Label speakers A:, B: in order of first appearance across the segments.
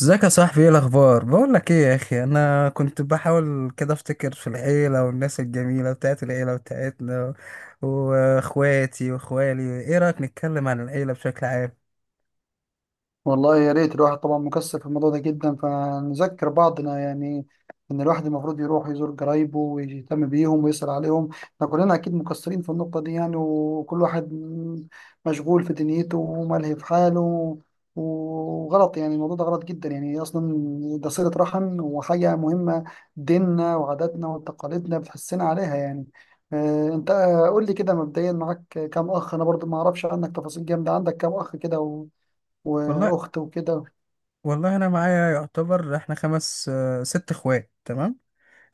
A: ازيك يا صاحبي؟ ايه الاخبار؟ بقول لك ايه يا اخي، انا كنت بحاول كده افتكر في العيله والناس الجميله بتاعت العيله بتاعتنا واخواتي واخوالي. ايه رايك نتكلم عن العيله بشكل عام؟
B: والله يا ريت الواحد طبعا مكسر في الموضوع ده جدا، فنذكر بعضنا يعني ان الواحد المفروض يروح يزور قرايبه ويهتم بيهم ويسأل عليهم. احنا كلنا اكيد مكسرين في النقطة دي يعني، وكل واحد مشغول في دنيته وملهي في حاله. وغلط يعني الموضوع ده غلط جدا يعني اصلا، ده صلة رحم وحاجة مهمة. ديننا وعاداتنا وتقاليدنا بتحسنا عليها يعني. انت قول لي كده، مبدئيا معاك كام اخ؟ انا برضو ما اعرفش عنك تفاصيل جامدة. عندك كام اخ كده
A: والله
B: واخت وكده؟
A: والله، انا معايا يعتبر احنا خمس، ست اخوات. تمام.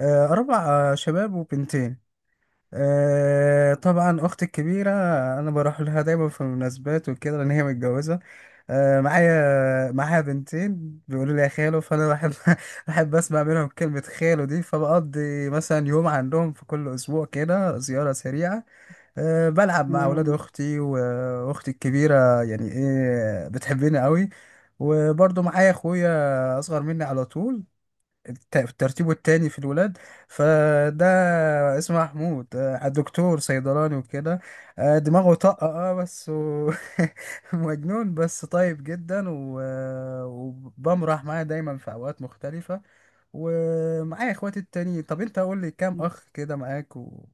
A: اربع. شباب وبنتين. طبعا اختي الكبيره، انا بروح لها دايما في المناسبات وكده لان هي متجوزه. معايا بنتين بيقولوا لي يا خالو، فانا بحب. بحب اسمع منهم كلمه خالو دي، فبقضي مثلا يوم عندهم في كل اسبوع كده، زياره سريعه. بلعب مع اولاد
B: مم.
A: اختي، واختي الكبيره يعني ايه، بتحبني قوي. وبرضه معايا اخويا، اصغر مني على طول، الترتيب التاني في الولاد. فده اسمه محمود، دكتور صيدلاني وكده. دماغه طاقة، بس مجنون، بس طيب جدا. وبمرح معاه دايما في أوقات مختلفة. ومعايا اخواتي التانيين. طب انت قول لي كام اخ كده معاك، و-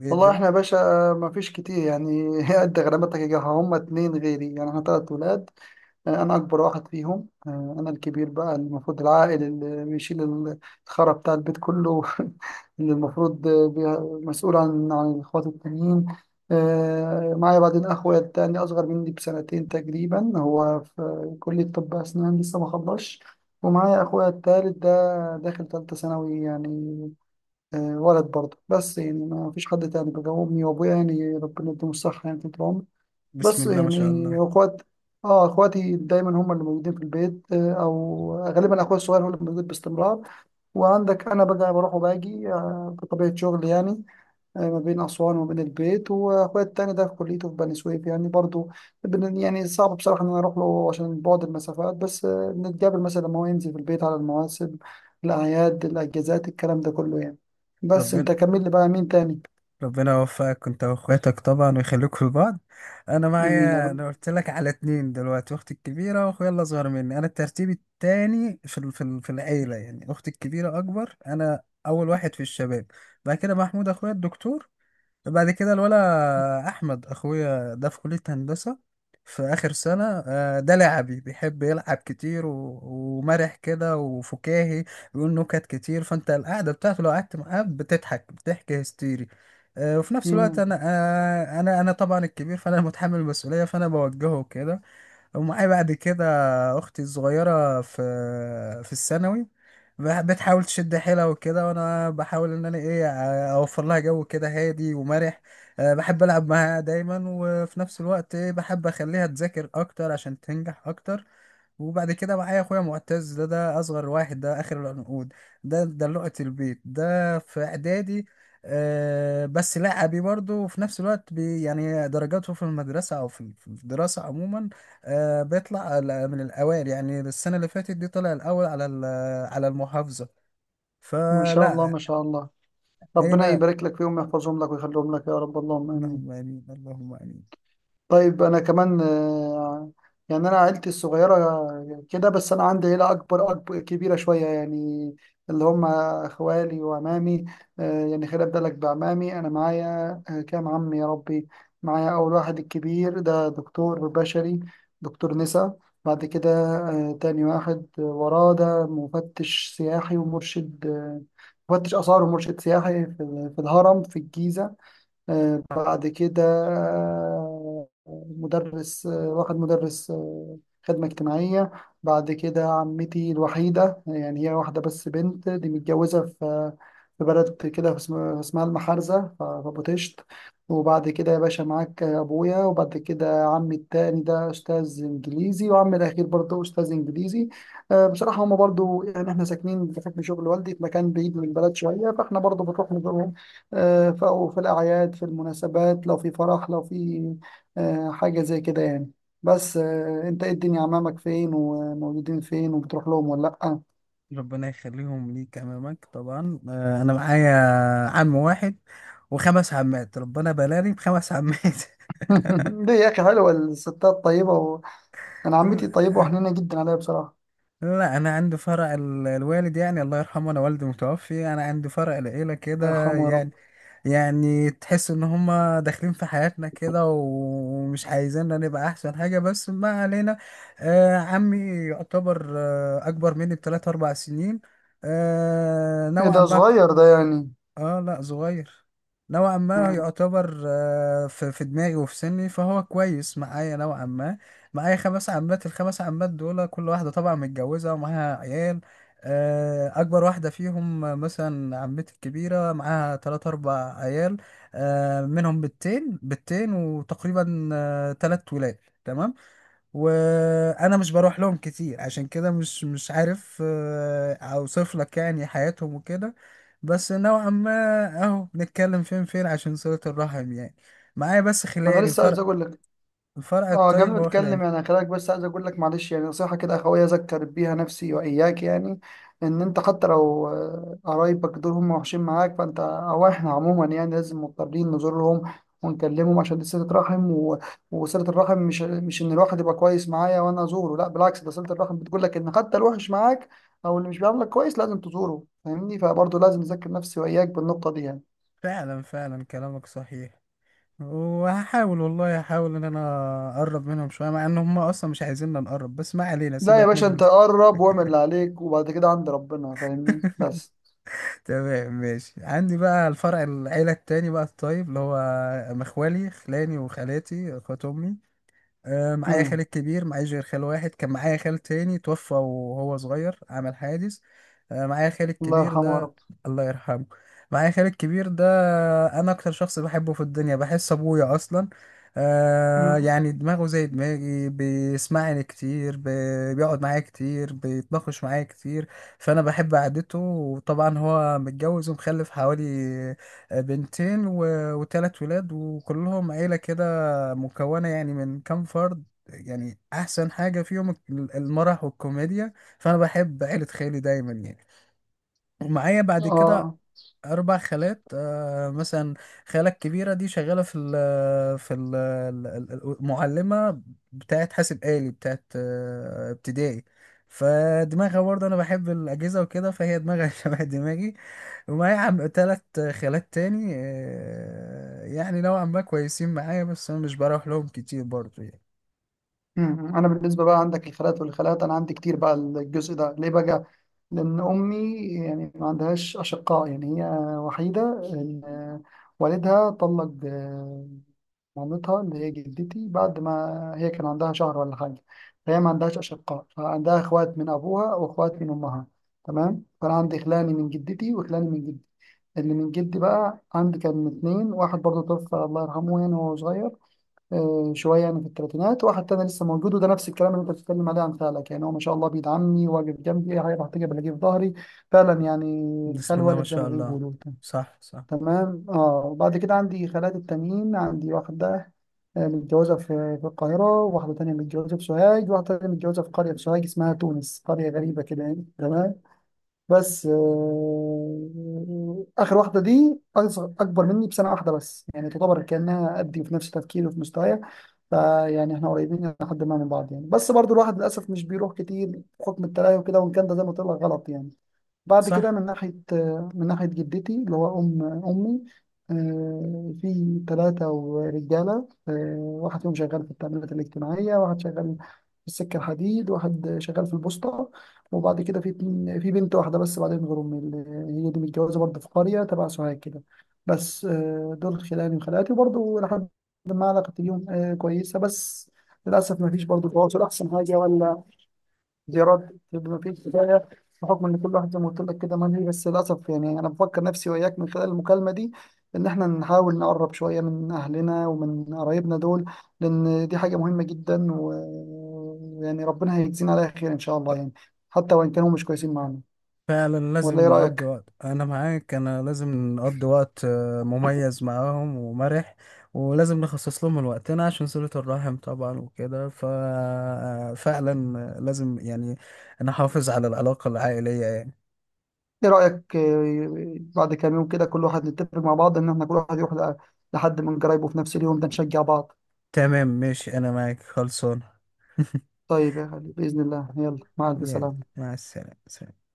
A: وايه
B: والله احنا
A: الدنيا؟
B: يا باشا ما فيش كتير يعني. قد غرامتك يا جماعة، هم اتنين غيري يعني، احنا تلات ولاد. انا اكبر واحد فيهم. انا الكبير بقى المفروض العائل اللي بيشيل الخرا بتاع البيت كله. اللي المفروض مسؤول عن الاخوات التانيين. معايا بعدين اخويا التاني اصغر مني بسنتين تقريبا، هو في كلية طب اسنان لسه ما خلصش. ومعايا اخويا التالت ده داخل تالتة ثانوي يعني. ولد برضه، بس يعني ما فيش حد تاني بقى. امي وابويا يعني ربنا يديهم الصحه يعني طول العمر.
A: بسم
B: بس
A: الله ما شاء
B: يعني
A: الله.
B: اخوات، اه اخواتي دايما هم اللي موجودين في البيت. او غالبا اخويا الصغير هو اللي موجود باستمرار. وعندك انا بقى بروح وباجي بطبيعه شغلي يعني. ما بين أسوان وبين البيت، وأخويا التاني ده في كليته في بني سويف يعني برضو. يعني صعب بصراحة إن أنا أروح له عشان بعد المسافات، بس بنتقابل مثلا لما هو ينزل في البيت على المواسم، الأعياد، الأجازات، الكلام ده كله يعني. بس
A: ربنا
B: أنت كمل لي بقى، مين تاني؟
A: ربنا يوفقك انت واخواتك طبعا، ويخليكوا لبعض. انا
B: آمين يا
A: معايا،
B: رب.
A: انا قلت لك على اتنين دلوقتي: اختي الكبيره واخويا اللي اصغر مني، انا الترتيب التاني في العيله يعني. اختي الكبيره اكبر، انا اول واحد في الشباب. بعد كده محمود اخويا الدكتور. بعد كده الولا احمد اخويا، ده في كلية هندسة، في اخر سنة. ده لعبي، بيحب يلعب كتير، و- ومرح كده وفكاهي. بيقول نكت كتير. فانت القعدة بتاعته لو قعدت معاه بتضحك، بتحكي هستيري. وفي نفس الوقت
B: مم.
A: انا آه، انا انا طبعا الكبير، فانا متحمل المسؤولية، فانا بوجهه كده. ومعايا بعد كده اختي الصغيره، في الثانوي. بتحاول تشد حيلها وكده، وانا بحاول ان انا ايه، اوفر لها جو كده هادي ومرح. بحب العب معاها دايما، وفي نفس الوقت ايه، بحب اخليها تذاكر اكتر عشان تنجح اكتر. وبعد كده معايا اخويا معتز، ده اصغر واحد، ده اخر العنقود. ده لقطة البيت، ده في اعدادي. بس لعبي برضه، وفي نفس الوقت يعني درجاته في المدرسة او في الدراسة عموما، بيطلع من الاوائل يعني. السنة اللي فاتت دي طلع الاول على على المحافظة.
B: ما شاء الله،
A: فلا.
B: ما شاء الله. ربنا
A: عيلة.
B: يبارك لك فيهم ويحفظهم لك ويخليهم لك يا رب، اللهم آمين.
A: اللهم امين، اللهم امين.
B: طيب انا كمان يعني انا عيلتي الصغيره كده بس. انا عندي عيله اكبر، اكبر كبيره شويه يعني، اللي هم اخوالي وعمامي. يعني خلي بالك بعمامي. انا معايا كام عم يا ربي؟ معايا اول واحد الكبير ده دكتور بشري، دكتور نسا. بعد كده تاني واحد وراه ده مفتش سياحي ومرشد، مفتش آثار ومرشد سياحي في الهرم في الجيزة. بعد كده آه، مدرس، واحد مدرس خدمة اجتماعية. بعد كده عمتي الوحيدة يعني، هي واحدة بس بنت، دي متجوزة في بلد كده اسمها المحارزة، في أبو طشت. وبعد كده يا باشا معاك أبويا، وبعد كده عمي التاني ده أستاذ إنجليزي، وعمي الأخير برضه أستاذ إنجليزي. بصراحة هما برضه يعني إحنا ساكنين بحكم شغل والدي في مكان بعيد من البلد شوية، فإحنا برضه بنروح أو في الأعياد، في المناسبات، لو في فرح، لو في حاجة زي كده يعني. بس أنت إيه الدنيا، عمامك فين وموجودين فين، وبتروح لهم ولا لأ؟
A: ربنا يخليهم ليك، امامك طبعا. انا معايا عم واحد وخمس عمات. ربنا بلاني بـ5 عمات.
B: ليه يا أخي؟ حلوة الستات طيبة. أنا عمتي طيبة
A: لا.
B: وحنينة جدا عليا بصراحة.
A: لا، انا عندي فرع الوالد يعني، الله يرحمه، انا والدي متوفي. انا عندي فرع العيله
B: الله
A: كده
B: يرحمه يا
A: يعني،
B: رب.
A: يعني تحس ان هما داخلين في حياتنا كده ومش عايزيننا نبقى احسن حاجه. بس ما علينا. عمي يعتبر اكبر مني بثلاث اربع سنين،
B: إيه
A: نوعا
B: ده
A: ما.
B: صغير ده يعني؟
A: اه لا صغير، نوعا ما
B: مم.
A: يعتبر، في دماغي وفي سني، فهو كويس معايا نوعا ما. معايا 5 عمات. الخمس عمات دول كل واحدة طبعا متجوزة ومعاها عيال. أكبر واحدة فيهم، مثلا عمتي الكبيرة معاها تلات أربع عيال. منهم بنتين وتقريبا 3 ولاد. تمام. وانا مش بروح لهم كتير، عشان كده مش عارف اوصف لك يعني حياتهم وكده. بس نوعا ما اهو بنتكلم فين فين عشان صلة الرحم يعني. معايا بس
B: أنا
A: خلاني
B: لسه عايز
A: الفرق
B: أقول لك،
A: الفرق
B: اه قبل
A: الطيب
B: ما
A: هو
B: اتكلم
A: خلاني.
B: يعني، خليك بس، عايز اقول لك معلش يعني نصيحه كده اخويه، اذكر بيها نفسي واياك يعني ان انت حتى لو قرايبك دول هم وحشين معاك، فانت او احنا عموما يعني لازم مضطرين نزورهم ونكلمهم عشان دي صله رحم وصله الرحم مش ان الواحد يبقى كويس معايا وانا ازوره، لا بالعكس، ده صله الرحم بتقول لك ان حتى الوحش معاك او اللي مش بيعاملك كويس لازم تزوره، فاهمني؟ فبرضه لازم اذكر نفسي واياك بالنقطه دي يعني.
A: فعلا، فعلا، كلامك صحيح. وهحاول، والله هحاول ان انا اقرب منهم شويه، مع ان هم اصلا مش عايزيننا نقرب. بس ما علينا،
B: لا يا
A: سيبك
B: باشا،
A: منهم
B: انت
A: ده.
B: قرب واعمل اللي عليك وبعد كده عند ربنا، فاهمني؟ بس.
A: تمام ماشي. عندي بقى الفرع العيله التاني بقى الطيب، اللي هو مخوالي، خلاني وخالاتي اخوات امي. معايا
B: مم.
A: خال كبير، معايش غير خال واحد. كان معايا خال تاني توفى وهو صغير، عمل حادث. معايا خال
B: الله
A: الكبير
B: يرحمه يا
A: ده،
B: رب.
A: الله يرحمه. معايا خال الكبير ده، انا اكتر شخص بحبه في الدنيا، بحس ابويا اصلا.
B: مم.
A: يعني دماغه زي دماغي، بيسمعني كتير، بيقعد معايا كتير، بيتناقش معايا كتير. فانا بحب قعدته. وطبعا هو متجوز ومخلف حوالي بنتين و- و3 ولاد، وكلهم عيلة كده، مكونة يعني من كام فرد يعني. أحسن حاجة فيهم المرح والكوميديا. فأنا بحب عيلة خالي دايما يعني. ومعايا بعد كده
B: اه.
A: 4 خالات. مثلا خالة الكبيرة دي شغالة في ال المعلمة، بتاعت حاسب آلي، بتاعت ابتدائي. فدماغها برضه، أنا بحب الأجهزة وكده، فهي دماغها شبه دماغي. ومعايا 3 خالات تاني، يعني نوعا ما كويسين معايا، بس أنا مش بروح لهم كتير برضه يعني.
B: مم. انا بالنسبه بقى عندك الخالات والخالات، انا عندي كتير بقى. الجزء ده ليه بقى؟ لان امي يعني ما عندهاش اشقاء يعني، هي وحيده. إن والدها طلق مامتها اللي هي جدتي بعد ما هي كان عندها شهر ولا حاجه. فهي ما عندهاش اشقاء، فعندها اخوات من ابوها واخوات من امها، تمام. فانا عندي خلاني من جدتي وخلاني من جدي. اللي من جدي بقى عندي كان اتنين، واحد برضه توفى الله يرحمه يعني وهو صغير شويه يعني في الثلاثينات، واحد تاني لسه موجود، وده نفس الكلام اللي انت بتتكلم عليه عن خالك يعني، هو ما شاء الله بيدعمني واقف جنبي، اي حاجه بحتاجها بلاقيه في ظهري. فعلا يعني.
A: بسم
B: الخال
A: الله ما
B: والد زي ما
A: شاء الله.
B: بيقولوا.
A: صح، صح،
B: تمام. اه وبعد كده عندي خالات التانيين، عندي واحده متجوزه في القاهره، واحده تانية متجوزه في سوهاج، واحده تانية متجوزه في قريه في سوهاج اسمها تونس، قريه غريبه كده يعني تمام. بس اخر واحده دي أصغر، اكبر مني بسنه واحده بس يعني، تعتبر كانها قدي في نفس تفكيري وفي مستوايا. فيعني احنا قريبين لحد ما من بعض يعني، بس برضو الواحد للاسف مش بيروح كتير بحكم التلاهي وكده، وان كان ده زي ما قلت لك غلط يعني. بعد كده
A: صح.
B: من ناحية جدتي اللي هو أم أمي. في ثلاثة رجالة، واحد فيهم شغال في التأمينات الاجتماعية، واحد شغال في السكة الحديد، واحد شغال في البوسطة. وبعد كده في في بنت واحدة بس بعدين غير أمي، اللي هي دي متجوزة برضه في قرية تبع سوهاج كده. بس دول خلاني وخالاتي وبرضه لحد ما علاقتي بيهم كويسة، بس للأسف ما فيش برضه تواصل أحسن حاجة ولا زيارات، يبقى مفيش كفايه بحكم ان كل واحد زي ما قلت لك كده ملهي. بس للاسف يعني انا بفكر نفسي واياك من خلال المكالمه دي ان احنا نحاول نقرب شويه من اهلنا ومن قرايبنا دول، لان دي حاجه مهمه جدا ويعني ربنا هيجزينا عليها خير ان شاء الله يعني، حتى وان كانوا مش كويسين معانا.
A: فعلا
B: ولا ايه
A: لازم نقضي
B: رايك؟
A: وقت، انا معاك، انا لازم نقضي وقت مميز معاهم ومرح. ولازم نخصص لهم من وقتنا عشان صلة الرحم طبعا وكده. ففعلا لازم يعني نحافظ على العلاقة العائلية يعني.
B: ايه رايك بعد كام يوم كده كل واحد نتفق مع بعض ان احنا كل واحد يروح لحد من قرايبه في نفس اليوم ده، نشجع بعض.
A: تمام ماشي، انا معاك، خلصان.
B: طيب يا غالي، باذن الله يلا مع الف
A: يلا،
B: سلامه.
A: مع السلامة.